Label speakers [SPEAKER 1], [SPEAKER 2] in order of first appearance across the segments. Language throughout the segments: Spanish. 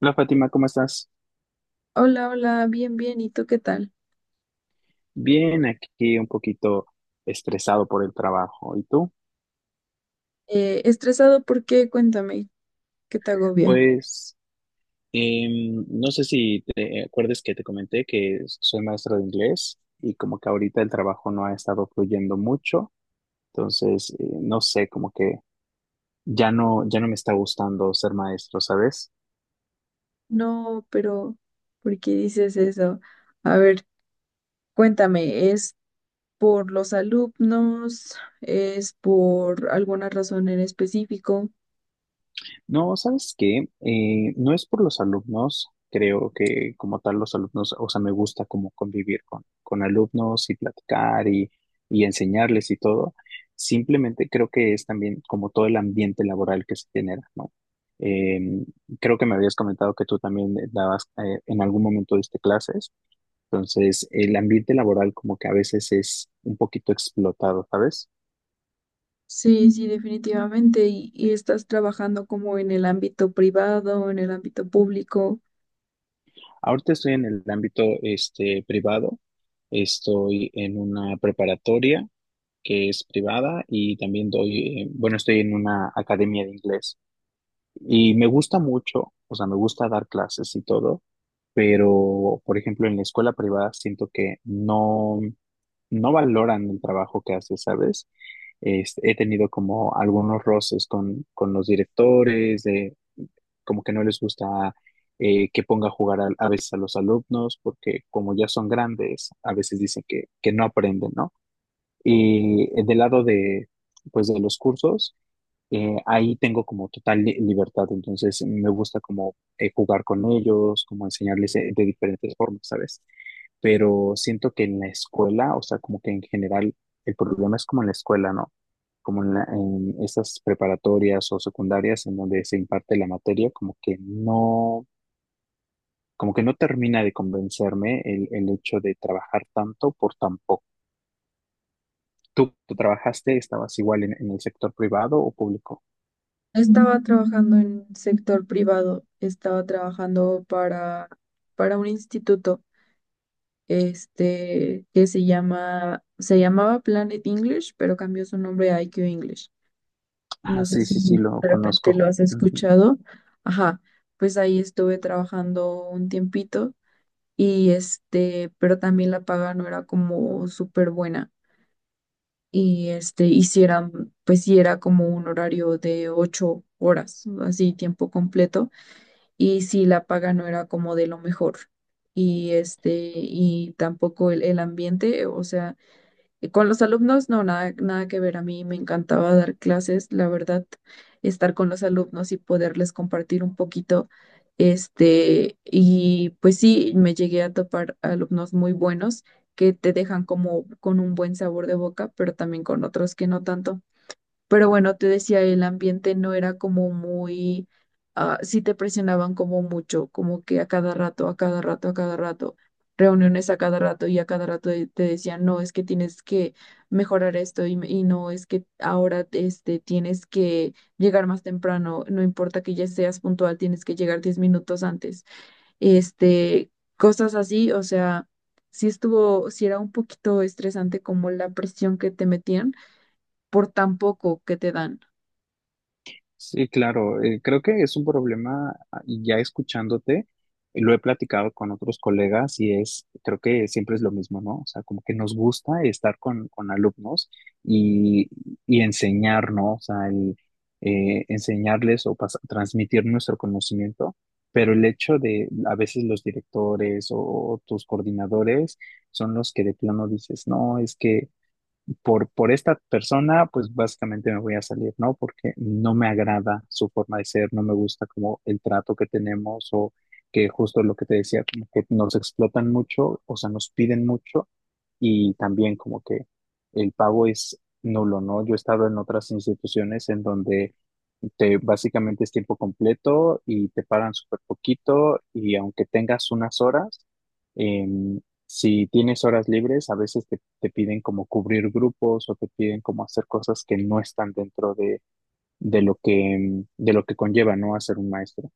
[SPEAKER 1] Hola Fátima, ¿cómo estás?
[SPEAKER 2] Hola, hola, bien, bien. ¿Y tú qué tal?
[SPEAKER 1] Bien, aquí un poquito estresado por el trabajo. ¿Y tú?
[SPEAKER 2] ¿Estresado por qué? Cuéntame, ¿qué te agobia?
[SPEAKER 1] Pues no sé si te acuerdas que te comenté que soy maestra de inglés y como que ahorita el trabajo no ha estado fluyendo mucho, entonces no sé, como que ya no, ya no me está gustando ser maestro, ¿sabes?
[SPEAKER 2] No, pero ¿por qué dices eso? A ver, cuéntame, ¿es por los alumnos? ¿Es por alguna razón en específico?
[SPEAKER 1] No, ¿sabes qué? No es por los alumnos, creo que como tal los alumnos, o sea, me gusta como convivir con alumnos y platicar y enseñarles y todo. Simplemente creo que es también como todo el ambiente laboral que se genera, ¿no? Eh, Creo que me habías comentado que tú también dabas, en algún momento diste clases, entonces el ambiente laboral como que a veces es un poquito explotado, ¿sabes?
[SPEAKER 2] Sí, sí, definitivamente. ¿Y ¿estás trabajando como en el ámbito privado, en el ámbito público?
[SPEAKER 1] Ahorita estoy en el ámbito este, privado, estoy en una preparatoria que es privada y también doy, bueno, estoy en una academia de inglés y me gusta mucho, o sea, me gusta dar clases y todo, pero, por ejemplo, en la escuela privada siento que no valoran el trabajo que haces, ¿sabes? Este, he tenido como algunos roces con los directores como que no les gusta que ponga a jugar a veces a los alumnos, porque como ya son grandes, a veces dicen que no aprenden, ¿no? Y del lado de, pues, de los cursos, ahí tengo como total libertad, entonces me gusta como jugar con ellos, como enseñarles de diferentes formas, ¿sabes? Pero siento que en la escuela, o sea, como que en general, el problema es como en la escuela, ¿no? Como en, en estas preparatorias o secundarias en donde se imparte la materia, como que como que no termina de convencerme el hecho de trabajar tanto por tan poco. ¿Tú trabajaste, estabas igual en el sector privado o público?
[SPEAKER 2] Estaba trabajando en sector privado, estaba trabajando para un instituto. Que se llama, se llamaba Planet English, pero cambió su nombre a IQ English. No
[SPEAKER 1] Ah,
[SPEAKER 2] sé
[SPEAKER 1] sí,
[SPEAKER 2] si
[SPEAKER 1] sí, sí, lo
[SPEAKER 2] de repente
[SPEAKER 1] conozco.
[SPEAKER 2] lo has escuchado. Ajá, pues ahí estuve trabajando un tiempito y pero también la paga no era como súper buena. Y hicieran, pues sí era como un horario de ocho horas, así tiempo completo. Y sí, la paga no era como de lo mejor. Y y tampoco el ambiente, o sea, y con los alumnos, no, nada, nada que ver. A mí me encantaba dar clases, la verdad, estar con los alumnos y poderles compartir un poquito. Y pues sí, me llegué a topar alumnos muy buenos que te dejan como con un buen sabor de boca, pero también con otros que no tanto. Pero bueno, te decía, el ambiente no era como muy, sí te presionaban como mucho, como que a cada rato, a cada rato, a cada rato, reuniones a cada rato y a cada rato te decían, no, es que tienes que mejorar esto y no, es que ahora tienes que llegar más temprano, no importa que ya seas puntual, tienes que llegar 10 minutos antes. Este, Cosas así, o sea, sí estuvo, sí era un poquito estresante como la presión que te metían por tan poco que te dan.
[SPEAKER 1] Sí, claro, creo que es un problema, ah, y ya escuchándote, lo he platicado con otros colegas y es, creo que siempre es lo mismo, ¿no? O sea, como que nos gusta estar con alumnos y, y enseñar, ¿no? O sea, enseñarles o transmitir nuestro conocimiento, pero el hecho de a veces los directores o tus coordinadores son los que de plano dices, no, es que por esta persona, pues básicamente me voy a salir, ¿no? Porque no me agrada su forma de ser, no me gusta como el trato que tenemos o que justo lo que te decía, como que nos explotan mucho, o sea, nos piden mucho y también como que el pago es nulo, ¿no? Yo he estado en otras instituciones en donde te, básicamente es tiempo completo y te pagan súper poquito y aunque tengas unas horas, em, si tienes horas libres, a veces te, te piden como cubrir grupos o te piden como hacer cosas que no están dentro de lo que, de lo que conlleva, ¿no? Hacer un maestro.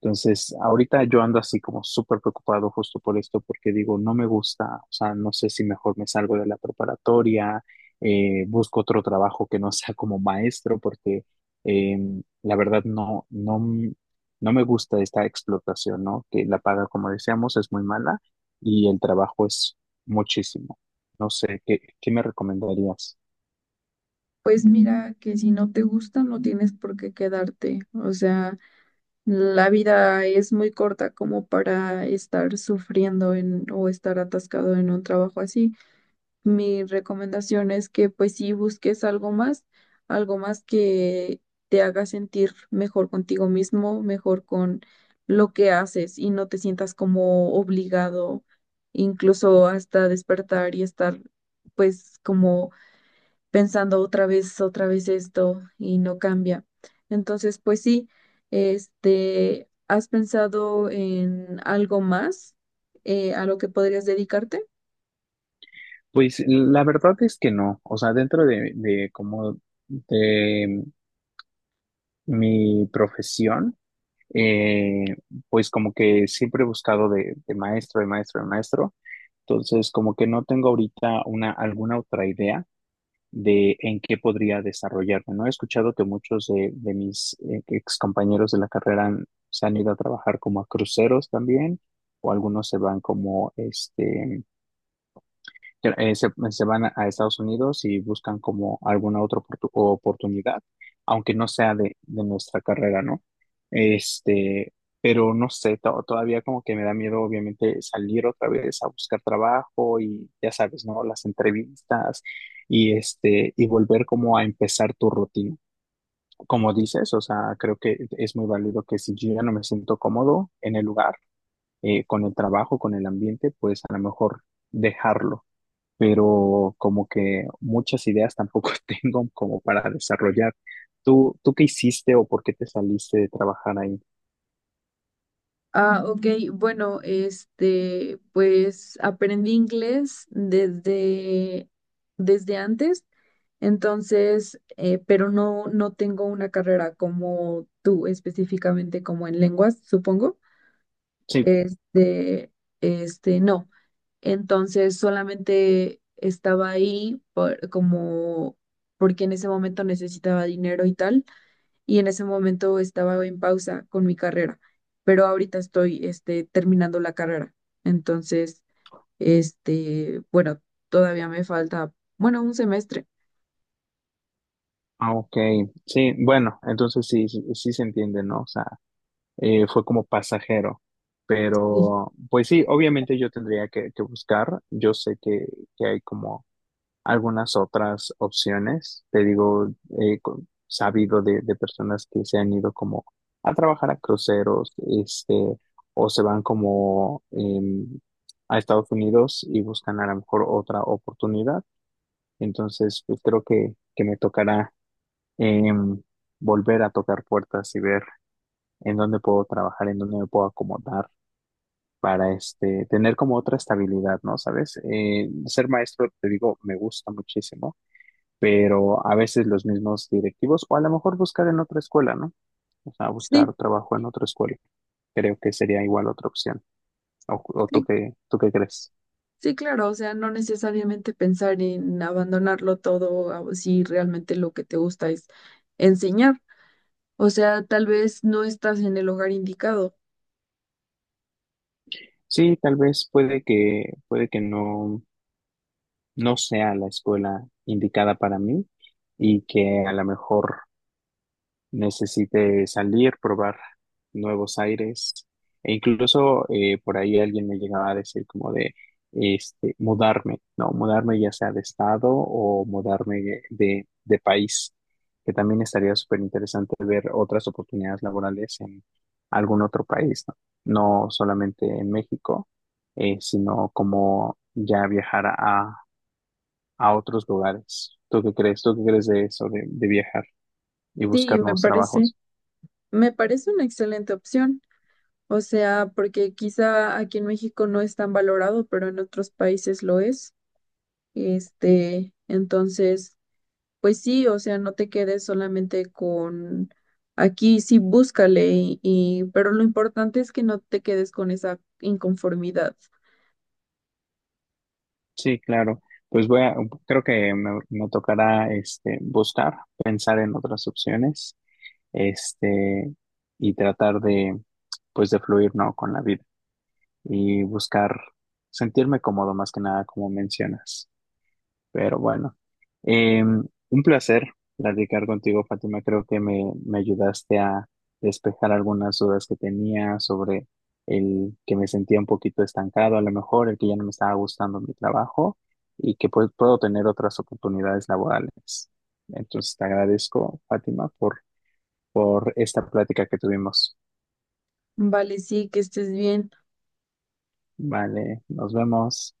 [SPEAKER 1] Entonces, ahorita yo ando así como súper preocupado justo por esto, porque digo, no me gusta, o sea, no sé si mejor me salgo de la preparatoria, busco otro trabajo que no sea como maestro, porque eh, la verdad no, no, no me gusta esta explotación, ¿no? Que la paga, como decíamos, es muy mala y el trabajo es muchísimo. No sé, ¿qué, qué me recomendarías?
[SPEAKER 2] Pues mira, que si no te gusta, no tienes por qué quedarte. O sea, la vida es muy corta como para estar sufriendo en, o estar atascado en un trabajo así. Mi recomendación es que pues sí busques algo más que te haga sentir mejor contigo mismo, mejor con lo que haces y no te sientas como obligado, incluso hasta despertar y estar pues como pensando otra vez esto y no cambia. Entonces, pues sí, ¿has pensado en algo más a lo que podrías dedicarte?
[SPEAKER 1] Pues la verdad es que no, o sea, dentro de como de mi profesión, eh, pues como que siempre he buscado de maestro, de maestro, de maestro. Entonces, como que no tengo ahorita una, alguna otra idea de en qué podría desarrollarme, ¿no? He escuchado que muchos de mis ex compañeros de la carrera se han ido a trabajar como a cruceros también, o algunos se van como, este, se van a Estados Unidos y buscan como alguna otra oportunidad, aunque no sea de nuestra carrera, ¿no? Este, pero no sé, todavía como que me da miedo, obviamente, salir otra vez a buscar trabajo y ya sabes, ¿no? Las entrevistas y este, y volver como a empezar tu rutina. Como dices, o sea, creo que es muy válido que si yo ya no me siento cómodo en el lugar, con el trabajo, con el ambiente, pues a lo mejor dejarlo pero como que muchas ideas tampoco tengo como para desarrollar. ¿Tú qué hiciste o por qué te saliste de trabajar ahí?
[SPEAKER 2] Ah, ok, bueno, pues aprendí inglés desde antes, entonces, pero no, no tengo una carrera como tú específicamente, como en lenguas, supongo.
[SPEAKER 1] Sí,
[SPEAKER 2] Este, no. Entonces solamente estaba ahí como porque en ese momento necesitaba dinero y tal, y en ese momento estaba en pausa con mi carrera, pero ahorita estoy terminando la carrera. Entonces, bueno, todavía me falta, bueno, un semestre.
[SPEAKER 1] ah, ok, sí, bueno, entonces sí, sí, sí se entiende, ¿no? O sea, fue como pasajero,
[SPEAKER 2] Sí,
[SPEAKER 1] pero pues sí, obviamente yo tendría que buscar, yo sé que hay como algunas otras opciones. Te digo, he co- sabido de personas que se han ido como a trabajar a cruceros, este, o se van como a Estados Unidos y buscan a lo mejor otra oportunidad. Entonces, pues creo que me tocará em, volver a tocar puertas y ver en dónde puedo trabajar, en dónde me puedo acomodar para este, tener como otra estabilidad, ¿no? ¿Sabes? Ser maestro, te digo, me gusta muchísimo pero a veces los mismos directivos, o a lo mejor buscar en otra escuela, ¿no? O sea,
[SPEAKER 2] sí,
[SPEAKER 1] buscar trabajo en otra escuela. Creo que sería igual otra opción. O
[SPEAKER 2] sí,
[SPEAKER 1] tú qué crees?
[SPEAKER 2] sí, claro, o sea, no necesariamente pensar en abandonarlo todo, a- si realmente lo que te gusta es enseñar. O sea, tal vez no estás en el hogar indicado.
[SPEAKER 1] Sí, tal vez puede que no, no sea la escuela indicada para mí y que a lo mejor necesite salir, probar nuevos aires. E incluso por ahí alguien me llegaba a decir como de este, mudarme, ¿no? Mudarme ya sea de estado o mudarme de, de país, que también estaría súper interesante ver otras oportunidades laborales en algún otro país, ¿no? No solamente en México, sino como ya viajar a otros lugares. ¿Tú qué crees? ¿Tú qué crees de eso, de viajar y
[SPEAKER 2] Sí,
[SPEAKER 1] buscar nuevos trabajos?
[SPEAKER 2] me parece una excelente opción. O sea, porque quizá aquí en México no es tan valorado, pero en otros países lo es. Entonces, pues sí, o sea, no te quedes solamente con aquí, sí, búscale pero lo importante es que no te quedes con esa inconformidad.
[SPEAKER 1] Sí, claro. Pues voy a, creo que me tocará este buscar, pensar en otras opciones, este, y tratar de, pues de fluir, ¿no? Con la vida y buscar sentirme cómodo más que nada, como mencionas. Pero bueno, un placer platicar contigo, Fátima. Creo que me ayudaste a despejar algunas dudas que tenía sobre el que me sentía un poquito estancado, a lo mejor el que ya no me estaba gustando mi trabajo y que pues, puedo tener otras oportunidades laborales. Entonces te agradezco, Fátima, por esta plática que tuvimos.
[SPEAKER 2] Vale, sí, que estés bien.
[SPEAKER 1] Vale, nos vemos.